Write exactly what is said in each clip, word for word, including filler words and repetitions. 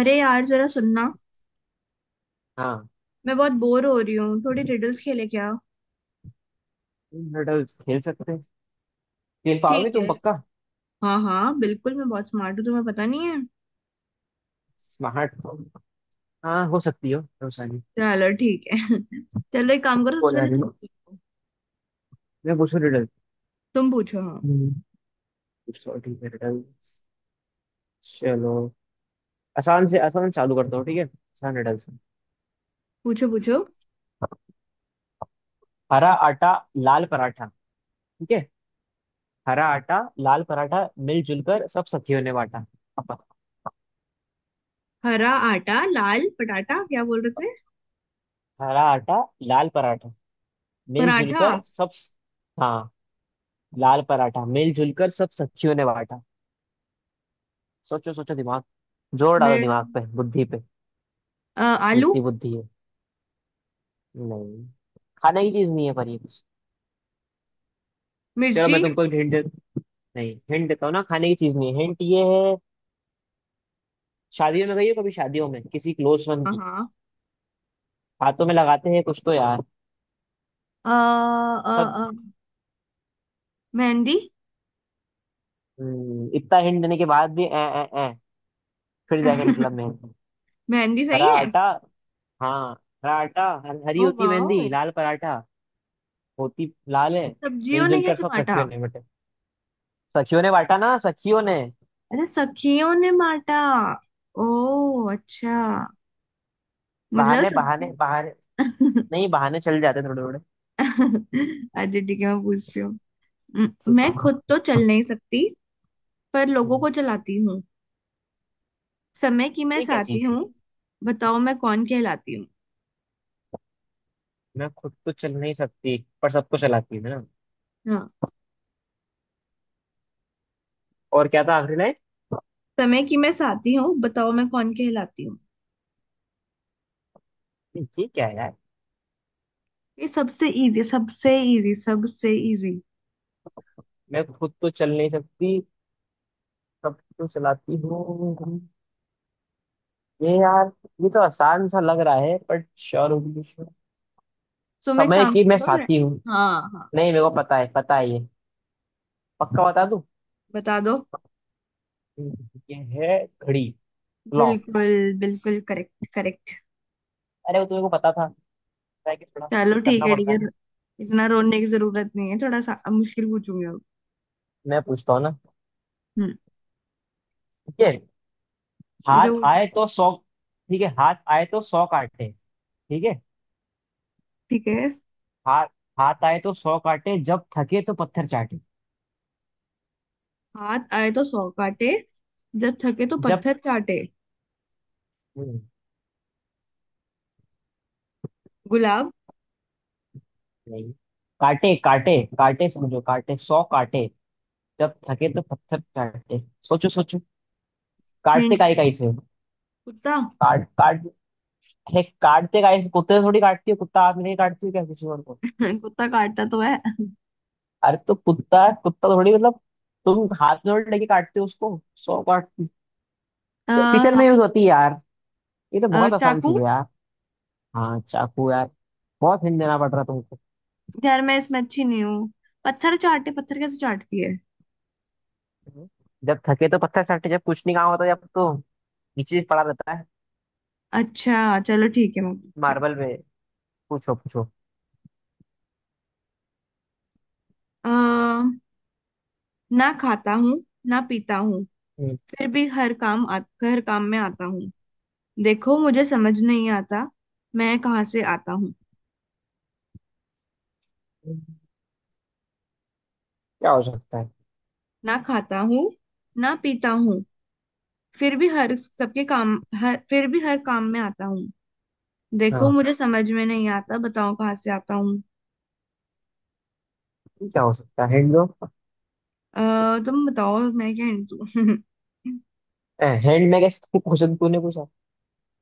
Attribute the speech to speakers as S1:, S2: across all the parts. S1: अरे यार जरा सुनना।
S2: हाँ।
S1: मैं बहुत बोर हो रही हूँ, थोड़ी रिडल्स खेले क्या?
S2: तुम हर्डल्स खेल सकते हैं। खेल पाओगे
S1: ठीक
S2: तुम?
S1: है।
S2: पक्का
S1: हाँ हाँ, बिल्कुल, मैं बहुत स्मार्ट हूँ, तुम्हें पता नहीं है।
S2: स्मार्ट। हाँ हो सकती हो रोसानी।
S1: चलो ठीक है। चलो एक काम करो,
S2: हो
S1: सबसे
S2: जा
S1: पहले
S2: रही
S1: तुम
S2: हो।
S1: पूछो।
S2: मैं पूछूं रिडल?
S1: तुम पूछो, हाँ।
S2: हम्म, पूछो? ठीक है रिडल्स। चलो आसान से आसान चालू करता हूँ। ठीक है, आसान रिडल्स।
S1: पूछो पूछो।
S2: हरा आटा, लाल पराठा। ठीक है। हरा आटा, लाल पराठा, मिलजुल कर सब सखियों ने बांटा। अब
S1: हरा आटा लाल पटाटा, क्या बोल रहे थे?
S2: हरा आटा लाल पराठा मिलजुल
S1: पराठा।
S2: कर सब। हाँ। लाल पराठा मिलजुल कर सब सखियों ने बांटा। सोचो सोचो दिमाग। जोर डालो
S1: मिर
S2: दिमाग पे, बुद्धि पे,
S1: अ, आलू।
S2: जितनी बुद्धि है। नहीं, खाने की चीज नहीं है, पर ये। चलो मैं
S1: मिर्ची।
S2: तुमको एक हिंट, नहीं हिंट देता हूँ ना। खाने की चीज नहीं है, हिंट ये है। शादियों में गई हो कभी? शादियों में किसी क्लोज वन
S1: हाँ
S2: की
S1: हाँ।
S2: हाथों में लगाते हैं कुछ तो यार।
S1: अ,
S2: सब।
S1: अ, अ, मेहंदी।
S2: हम्म, इतना हिंट देने के बाद भी ए, ए, ए, फिर जाके निकला मेहंदी।
S1: मेहंदी सही
S2: हरा
S1: है।
S2: आटा, हाँ, हरा आटा, हर, हरी
S1: ओ
S2: होती
S1: वाह।
S2: मेहंदी। लाल पराठा होती लाल है।
S1: सब्जियों ने
S2: मिलजुल कर
S1: कैसे
S2: सब
S1: बांटा?
S2: सखियों ने बटे। सखियों ने बांटा ना, सखियों ने।
S1: अरे सखियों ने माटा। ओ अच्छा, मुझे लगा
S2: बहाने बहाने
S1: सब्जी।
S2: बहाने। नहीं बहाने चल जाते थोड़े थोड़े।
S1: अच्छा ठीक है। मैं पूछती हूँ। म-
S2: कुछ।
S1: मैं खुद तो चल नहीं सकती, पर लोगों को चलाती हूँ। समय की मैं
S2: ये क्या
S1: साथी
S2: चीज है?
S1: हूँ, बताओ मैं कौन कहलाती हूँ?
S2: ना खुद तो चल नहीं सकती पर सबको चलाती है ना।
S1: हाँ।
S2: और क्या था आखिरी लाइन?
S1: समय की मैं साथी हूँ, बताओ मैं कौन कहलाती हूँ।
S2: ये क्या है यार?
S1: ये सबसे इजी, सबसे इजी, सबसे इजी।
S2: मैं खुद तो चल नहीं सकती, सबको चलाती हूँ। ये यार, ये तो आसान सा लग रहा है बट श्योर होगी इसमें।
S1: तुम एक
S2: समय
S1: काम
S2: की मैं
S1: करो रे-
S2: साथी हूँ।
S1: हाँ हाँ,
S2: नहीं, मेरे को पता है, पता है ये। पक्का बता दूँ?
S1: बता दो।
S2: ये है घड़ी, क्लॉक।
S1: बिल्कुल, बिल्कुल करेक्ट करेक्ट।
S2: अरे वो तुम्हें को पता था। पता है कि थोड़ा
S1: चलो ठीक
S2: करना
S1: है
S2: पड़ता है।
S1: डियर, इतना रोने की जरूरत नहीं है। थोड़ा सा अब मुश्किल पूछूंगी अब।
S2: मैं पूछता हूँ ना।
S1: हम्म।
S2: ठीक है। हाथ
S1: पूछो पूछो।
S2: आए तो सौ। ठीक है। हाथ आए तो सौ काटे। ठीक है।
S1: ठीक है।
S2: हाथ, हाथ आए तो सौ काटे, जब थके तो पत्थर चाटे।
S1: हाथ आए तो सौ काटे, जब थके तो
S2: जब
S1: पत्थर चाटे।
S2: हम्म,
S1: गुलाब।
S2: नहीं। काटे काटे काटे, समझो, काटे सौ काटे। जब थके तो पत्थर चाटे। सोचो सोचो। काटते
S1: हिंट।
S2: काई काई से।
S1: कुत्ता।
S2: काट काट। हे, काटते काई से कुत्ते से थोड़ी। काटती है कुत्ता हाथ में? नहीं काटती है क्या किसी और को?
S1: कुत्ता काटता तो है।
S2: अरे तो कुत्ता, कुत्ता थोड़ी मतलब। तुम हाथ में थोड़ी लेके काटते हो उसको? सौ काटती।
S1: अ,
S2: किचन में
S1: हाँ,
S2: यूज होती है यार। ये तो
S1: अ,
S2: बहुत आसान
S1: चाकू।
S2: चीज है यार। हाँ, चाकू यार। बहुत हिंट देना पड़ रहा तुमको।
S1: यार मैं इसमें अच्छी नहीं हूँ। पत्थर चाटे, पत्थर कैसे चाटती है?
S2: हम्म। जब थके तो पत्थर चाटते, जब कुछ नहीं काम होता जब, तो नीचे पड़ा रहता है
S1: अच्छा चलो ठीक है, मैं पूछती हूँ।
S2: मार्बल में। पूछो पूछो।
S1: अ, ना खाता हूँ, ना पीता हूँ,
S2: हम्म,
S1: फिर भी हर काम आ, हर काम में आता हूँ। देखो मुझे समझ नहीं आता, मैं कहाँ से आता हूँ।
S2: क्या हो सकता है?
S1: ना खाता हूँ, ना पीता हूँ, फिर भी हर सबके काम, हर फिर भी हर काम में आता हूँ। देखो
S2: हाँ,
S1: मुझे समझ में नहीं आता, बताओ कहाँ से आता हूँ।
S2: क्या हो सकता है? हैंड दो।
S1: अ, तुम बताओ मैं क्या हिंट दूँ।
S2: हैंड में कैसे पूछा? तूने पूछा।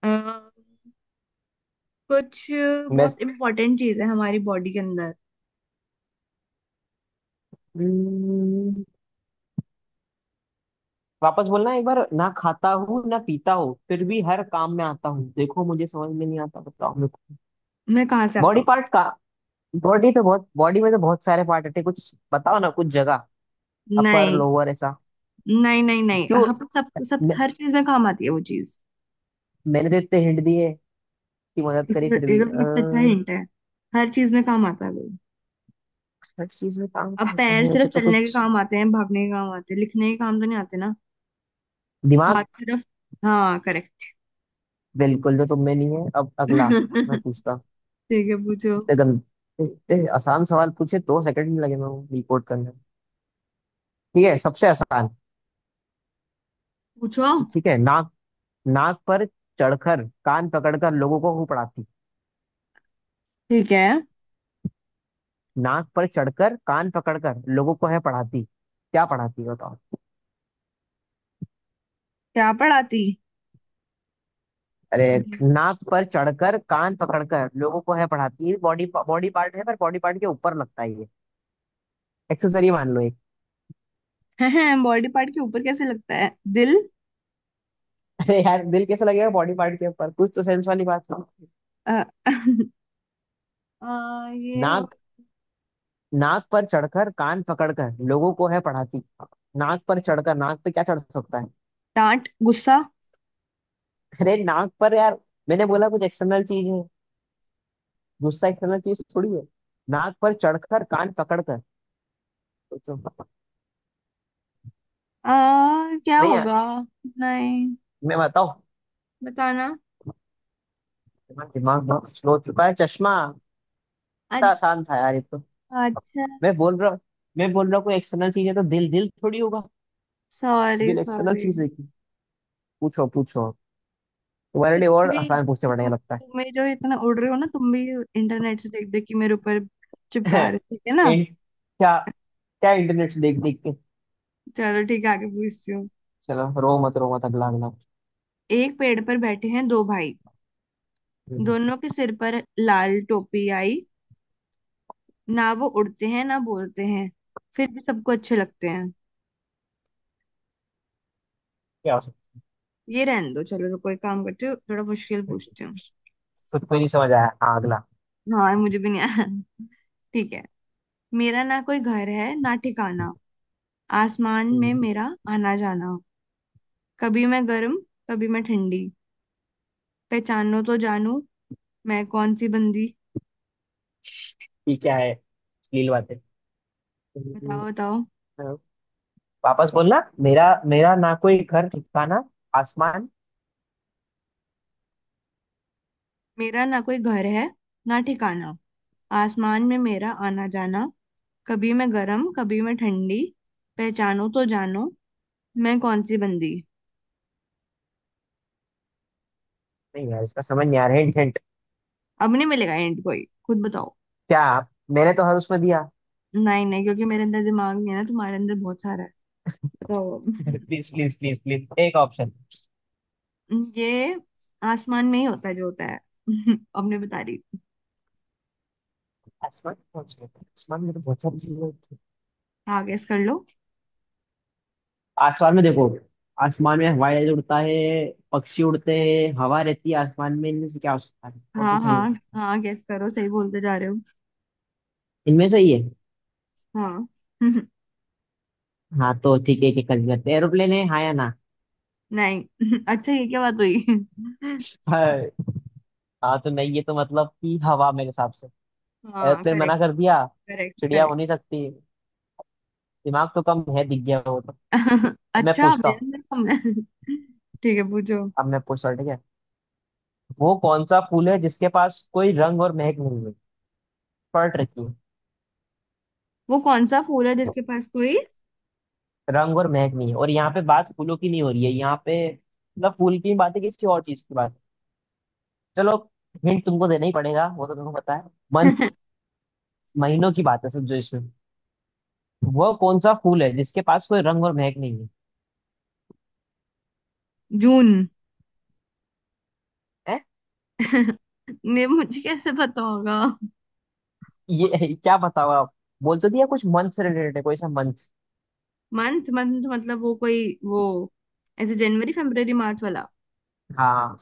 S1: अ, कुछ,
S2: मैं,
S1: बहुत इम्पोर्टेंट चीज है हमारी बॉडी के अंदर।
S2: हम्म, वापस बोलना एक बार। ना खाता हूँ ना पीता हूँ फिर भी हर काम में आता हूँ, देखो मुझे समझ में नहीं आता, बताओ मेरे को।
S1: मैं कहाँ से आता
S2: बॉडी
S1: हूँ?
S2: पार्ट का? बॉडी तो बहुत बॉडी में तो बहुत सारे पार्ट होते हैं। कुछ बताओ ना कुछ जगह, अपर
S1: नहीं
S2: लोअर ऐसा।
S1: नहीं, नहीं नहीं
S2: क्यों?
S1: हम सब, सब
S2: मैं,
S1: हर चीज में काम आती है वो चीज।
S2: मैंने तो इतने हिंट दिए, की मदद करी, फिर भी
S1: इधर सबसे अच्छा
S2: अह,
S1: हिंट है, हर चीज में काम आता है वो।
S2: हर चीज में काम
S1: अब
S2: क्या होता
S1: पैर
S2: है
S1: सिर्फ
S2: वैसे तो
S1: चलने के
S2: कुछ?
S1: काम आते हैं, भागने के काम आते हैं, लिखने के काम तो नहीं आते ना।
S2: दिमाग।
S1: हाथ सिर्फ, हाँ करेक्ट।
S2: बिल्कुल, जो तुम में नहीं है। अब अगला। मैं पूछता।
S1: ठीक है, पूछो
S2: इतने गंद, इतने आसान सवाल पूछे, दो सेकंड नहीं लगे मैं वो रिपोर्ट करने में। ठीक है, सबसे आसान।
S1: पूछो।
S2: ठीक है, नाक। नाक पर चढ़कर कान पकड़कर लोगों को हूँ पढ़ाती।
S1: ठीक है।
S2: नाक पर चढ़कर कान पकड़कर लोगों को है पढ़ाती। क्या पढ़ाती है बताओ?
S1: क्या पढ़ाती?
S2: अरे, नाक पर चढ़कर कान पकड़कर लोगों को है पढ़ाती। बॉडी बॉडी पार्ट है पर बॉडी पार्ट के ऊपर लगता है ये। एक्सेसरी मान लो एक।
S1: बॉडी पार्ट के ऊपर कैसे लगता है? दिल?
S2: अरे यार, दिल कैसे लगेगा बॉडी पार्ट के ऊपर? कुछ तो सेंस वाली बात है।
S1: अ, अ, ये हो,
S2: नाक, नाक पर चढ़कर कान पकड़कर लोगों को है पढ़ाती। नाक पर चढ़कर, नाक पे क्या चढ़ सकता है?
S1: डांट, गुस्सा।
S2: अरे नाक पर यार। मैंने बोला कुछ एक्सटर्नल चीज है। गुस्सा एक्सटर्नल चीज थोड़ी है। नाक पर चढ़कर कान पकड़कर, सोचो।
S1: अ, क्या
S2: नहीं यार।
S1: होगा? नहीं।
S2: मैं बताओ।
S1: बताना।
S2: मेरा दिमाग बहुत स्लो हो चुका है। चश्मा। इतना
S1: अच्छा।
S2: आसान था यार ये तो।
S1: अच्छा।
S2: मैं बोल रहा हूँ, मैं बोल रहा हूँ कोई एक्सटर्नल चीज है तो दिल, दिल थोड़ी होगा।
S1: सॉरी
S2: दिल एक्सटर्नल
S1: सॉरी।
S2: चीज देखी? पूछो पूछो। तुम्हारे
S1: कि
S2: लिए
S1: तुम
S2: और
S1: भी,
S2: आसान पूछने पड़ेंगे
S1: तुम
S2: लगता है।
S1: तुम भी जो इतना उड़ रहे हो ना, तुम भी इंटरनेट से देख देख के मेरे ऊपर चिपका रहे हो, ठीक है ना।
S2: इन, क्या? क्या इंटरनेट से देख देख के?
S1: चलो ठीक है, आगे पूछती हूँ।
S2: चलो रो मत रो मत, अगला अगला।
S1: एक पेड़ पर बैठे हैं दो भाई,
S2: हम्म,
S1: दोनों के सिर पर लाल टोपी आई। ना वो उड़ते हैं, ना बोलते हैं, फिर भी सबको अच्छे लगते हैं।
S2: क्या हो सकता
S1: ये रहने दो, चलो तो कोई काम करती हूँ, थोड़ा मुश्किल
S2: है?
S1: पूछती हूँ।
S2: खुद को ही नहीं समझ आया। हाँ, अगला।
S1: हाँ, मुझे भी नहीं आया। ठीक है। मेरा ना कोई घर है, ना ठिकाना। आसमान में
S2: हम्म,
S1: मेरा आना जाना। कभी मैं गर्म, कभी मैं ठंडी। पहचानो तो जानू, मैं कौन सी बंदी।
S2: ये क्या है, अश्लील बातें?
S1: बताओ
S2: हम्म,
S1: बताओ।
S2: वापस बोलना। मेरा मेरा ना कोई घर ठिकाना, आसमान।
S1: मेरा ना कोई घर है, ना ठिकाना। आसमान में मेरा आना जाना। कभी मैं गरम, कभी मैं ठंडी। पहचानो तो जानो, मैं कौन सी बंदी।
S2: नहीं यार इसका समझ नहीं आ रहा। Hint hint.
S1: अब नहीं मिलेगा एंड, कोई खुद बताओ।
S2: क्या आप- मैंने तो हर उसमें दिया।
S1: नहीं नहीं, क्योंकि मेरे अंदर दिमाग नहीं है ना, तुम्हारे अंदर बहुत सारा है। बताओ
S2: प्लीज प्लीज प्लीज प्लीज, एक ऑप्शन।
S1: अब। ये आसमान में ही होता है, जो होता है। अब नहीं बता रही।
S2: आसमान पहुंच गए? आसमान में तो बहुत सारी चीजें होती हैं।
S1: हाँ गैस कर लो।
S2: आसमान में देखो। आसमान में हवाई जहाज उड़ता है, पक्षी उड़ते हैं, हवा रहती है। आसमान में इनमें से क्या हो सकता है? और
S1: हाँ
S2: तो क्या ही हो
S1: हाँ
S2: सकता है?
S1: हाँ, गैस करो, सही बोलते जा रहे हो।
S2: इनमें से ही है।
S1: हाँ।
S2: हाँ तो ठीक है, एक एक करके करते हैं। एरोप्लेन है, हाँ या ना?
S1: नहीं। अच्छा ये क्या बात हुई।
S2: हाँ, हाँ तो नहीं, ये तो मतलब कि हवा मेरे हिसाब से।
S1: हाँ
S2: एरोप्लेन
S1: करेक्ट,
S2: मना कर दिया?
S1: करेक्ट
S2: चिड़िया हो
S1: करेक्ट
S2: नहीं सकती। दिमाग तो कम है, दिख गया वो तो। अब मैं
S1: अच्छा,
S2: पूछता
S1: मेरा
S2: हूँ।
S1: नाम है। ठीक है, पूछो।
S2: अब मैं पूछता हूँ, ठीक है। वो कौन सा फूल है जिसके पास कोई रंग और महक नहीं है? पलट रखी है।
S1: वो कौन सा फूल है जिसके पास कोई?
S2: रंग और महक नहीं है, और यहाँ पे बात फूलों की नहीं हो रही है, यहाँ पे मतलब फूल की बात है किसी और चीज की बात है। चलो हिंट तुमको देना ही पड़ेगा वो तो। तुमको पता है मंथ, महीनों की बात है सब जो इसमें। वो कौन सा फूल है जिसके पास कोई रंग और महक नहीं है?
S1: जून।
S2: हैं?
S1: ने मुझे कैसे पता होगा?
S2: ये क्या बताओ आप। बोल तो दिया कुछ मंथ से रिलेटेड है, कोई सा मंथ?
S1: मंथ, मंथ मतलब वो कोई वो, ऐसे जनवरी फरवरी मार्च वाला?
S2: हाँ।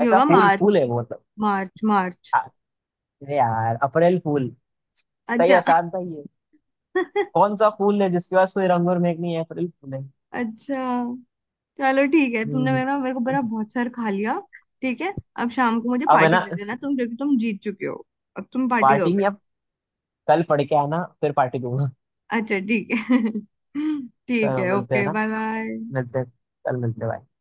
S1: ये
S2: ऐसा
S1: होगा
S2: फूल फूल
S1: मार्च।
S2: है वो मतलब।
S1: मार्च, मार्च।
S2: आ- अरे यार, अप्रैल फूल। सही,
S1: अच्छा।
S2: आसान था ये। कौन सा फूल है जिसके पास कोई रंग और महक नहीं है? अप्रैल फूल है।
S1: अच्छा चलो ठीक है, तुमने
S2: हम्म,
S1: मेरा, मेरे को बड़ा बहुत सार खा लिया। ठीक है। अब शाम को मुझे
S2: अब है
S1: पार्टी
S2: ना।
S1: दे देना तुम, क्योंकि तुम जीत चुके हो। अब तुम पार्टी
S2: पार्टी में
S1: दोगे।
S2: या कल पढ़ के आना फिर पार्टी दूंगा।
S1: अच्छा ठीक है। ठीक
S2: चलो
S1: है,
S2: मिलते हैं
S1: ओके
S2: ना।
S1: Bye bye.
S2: मिलते हैं। कल मिलते हैं भाई।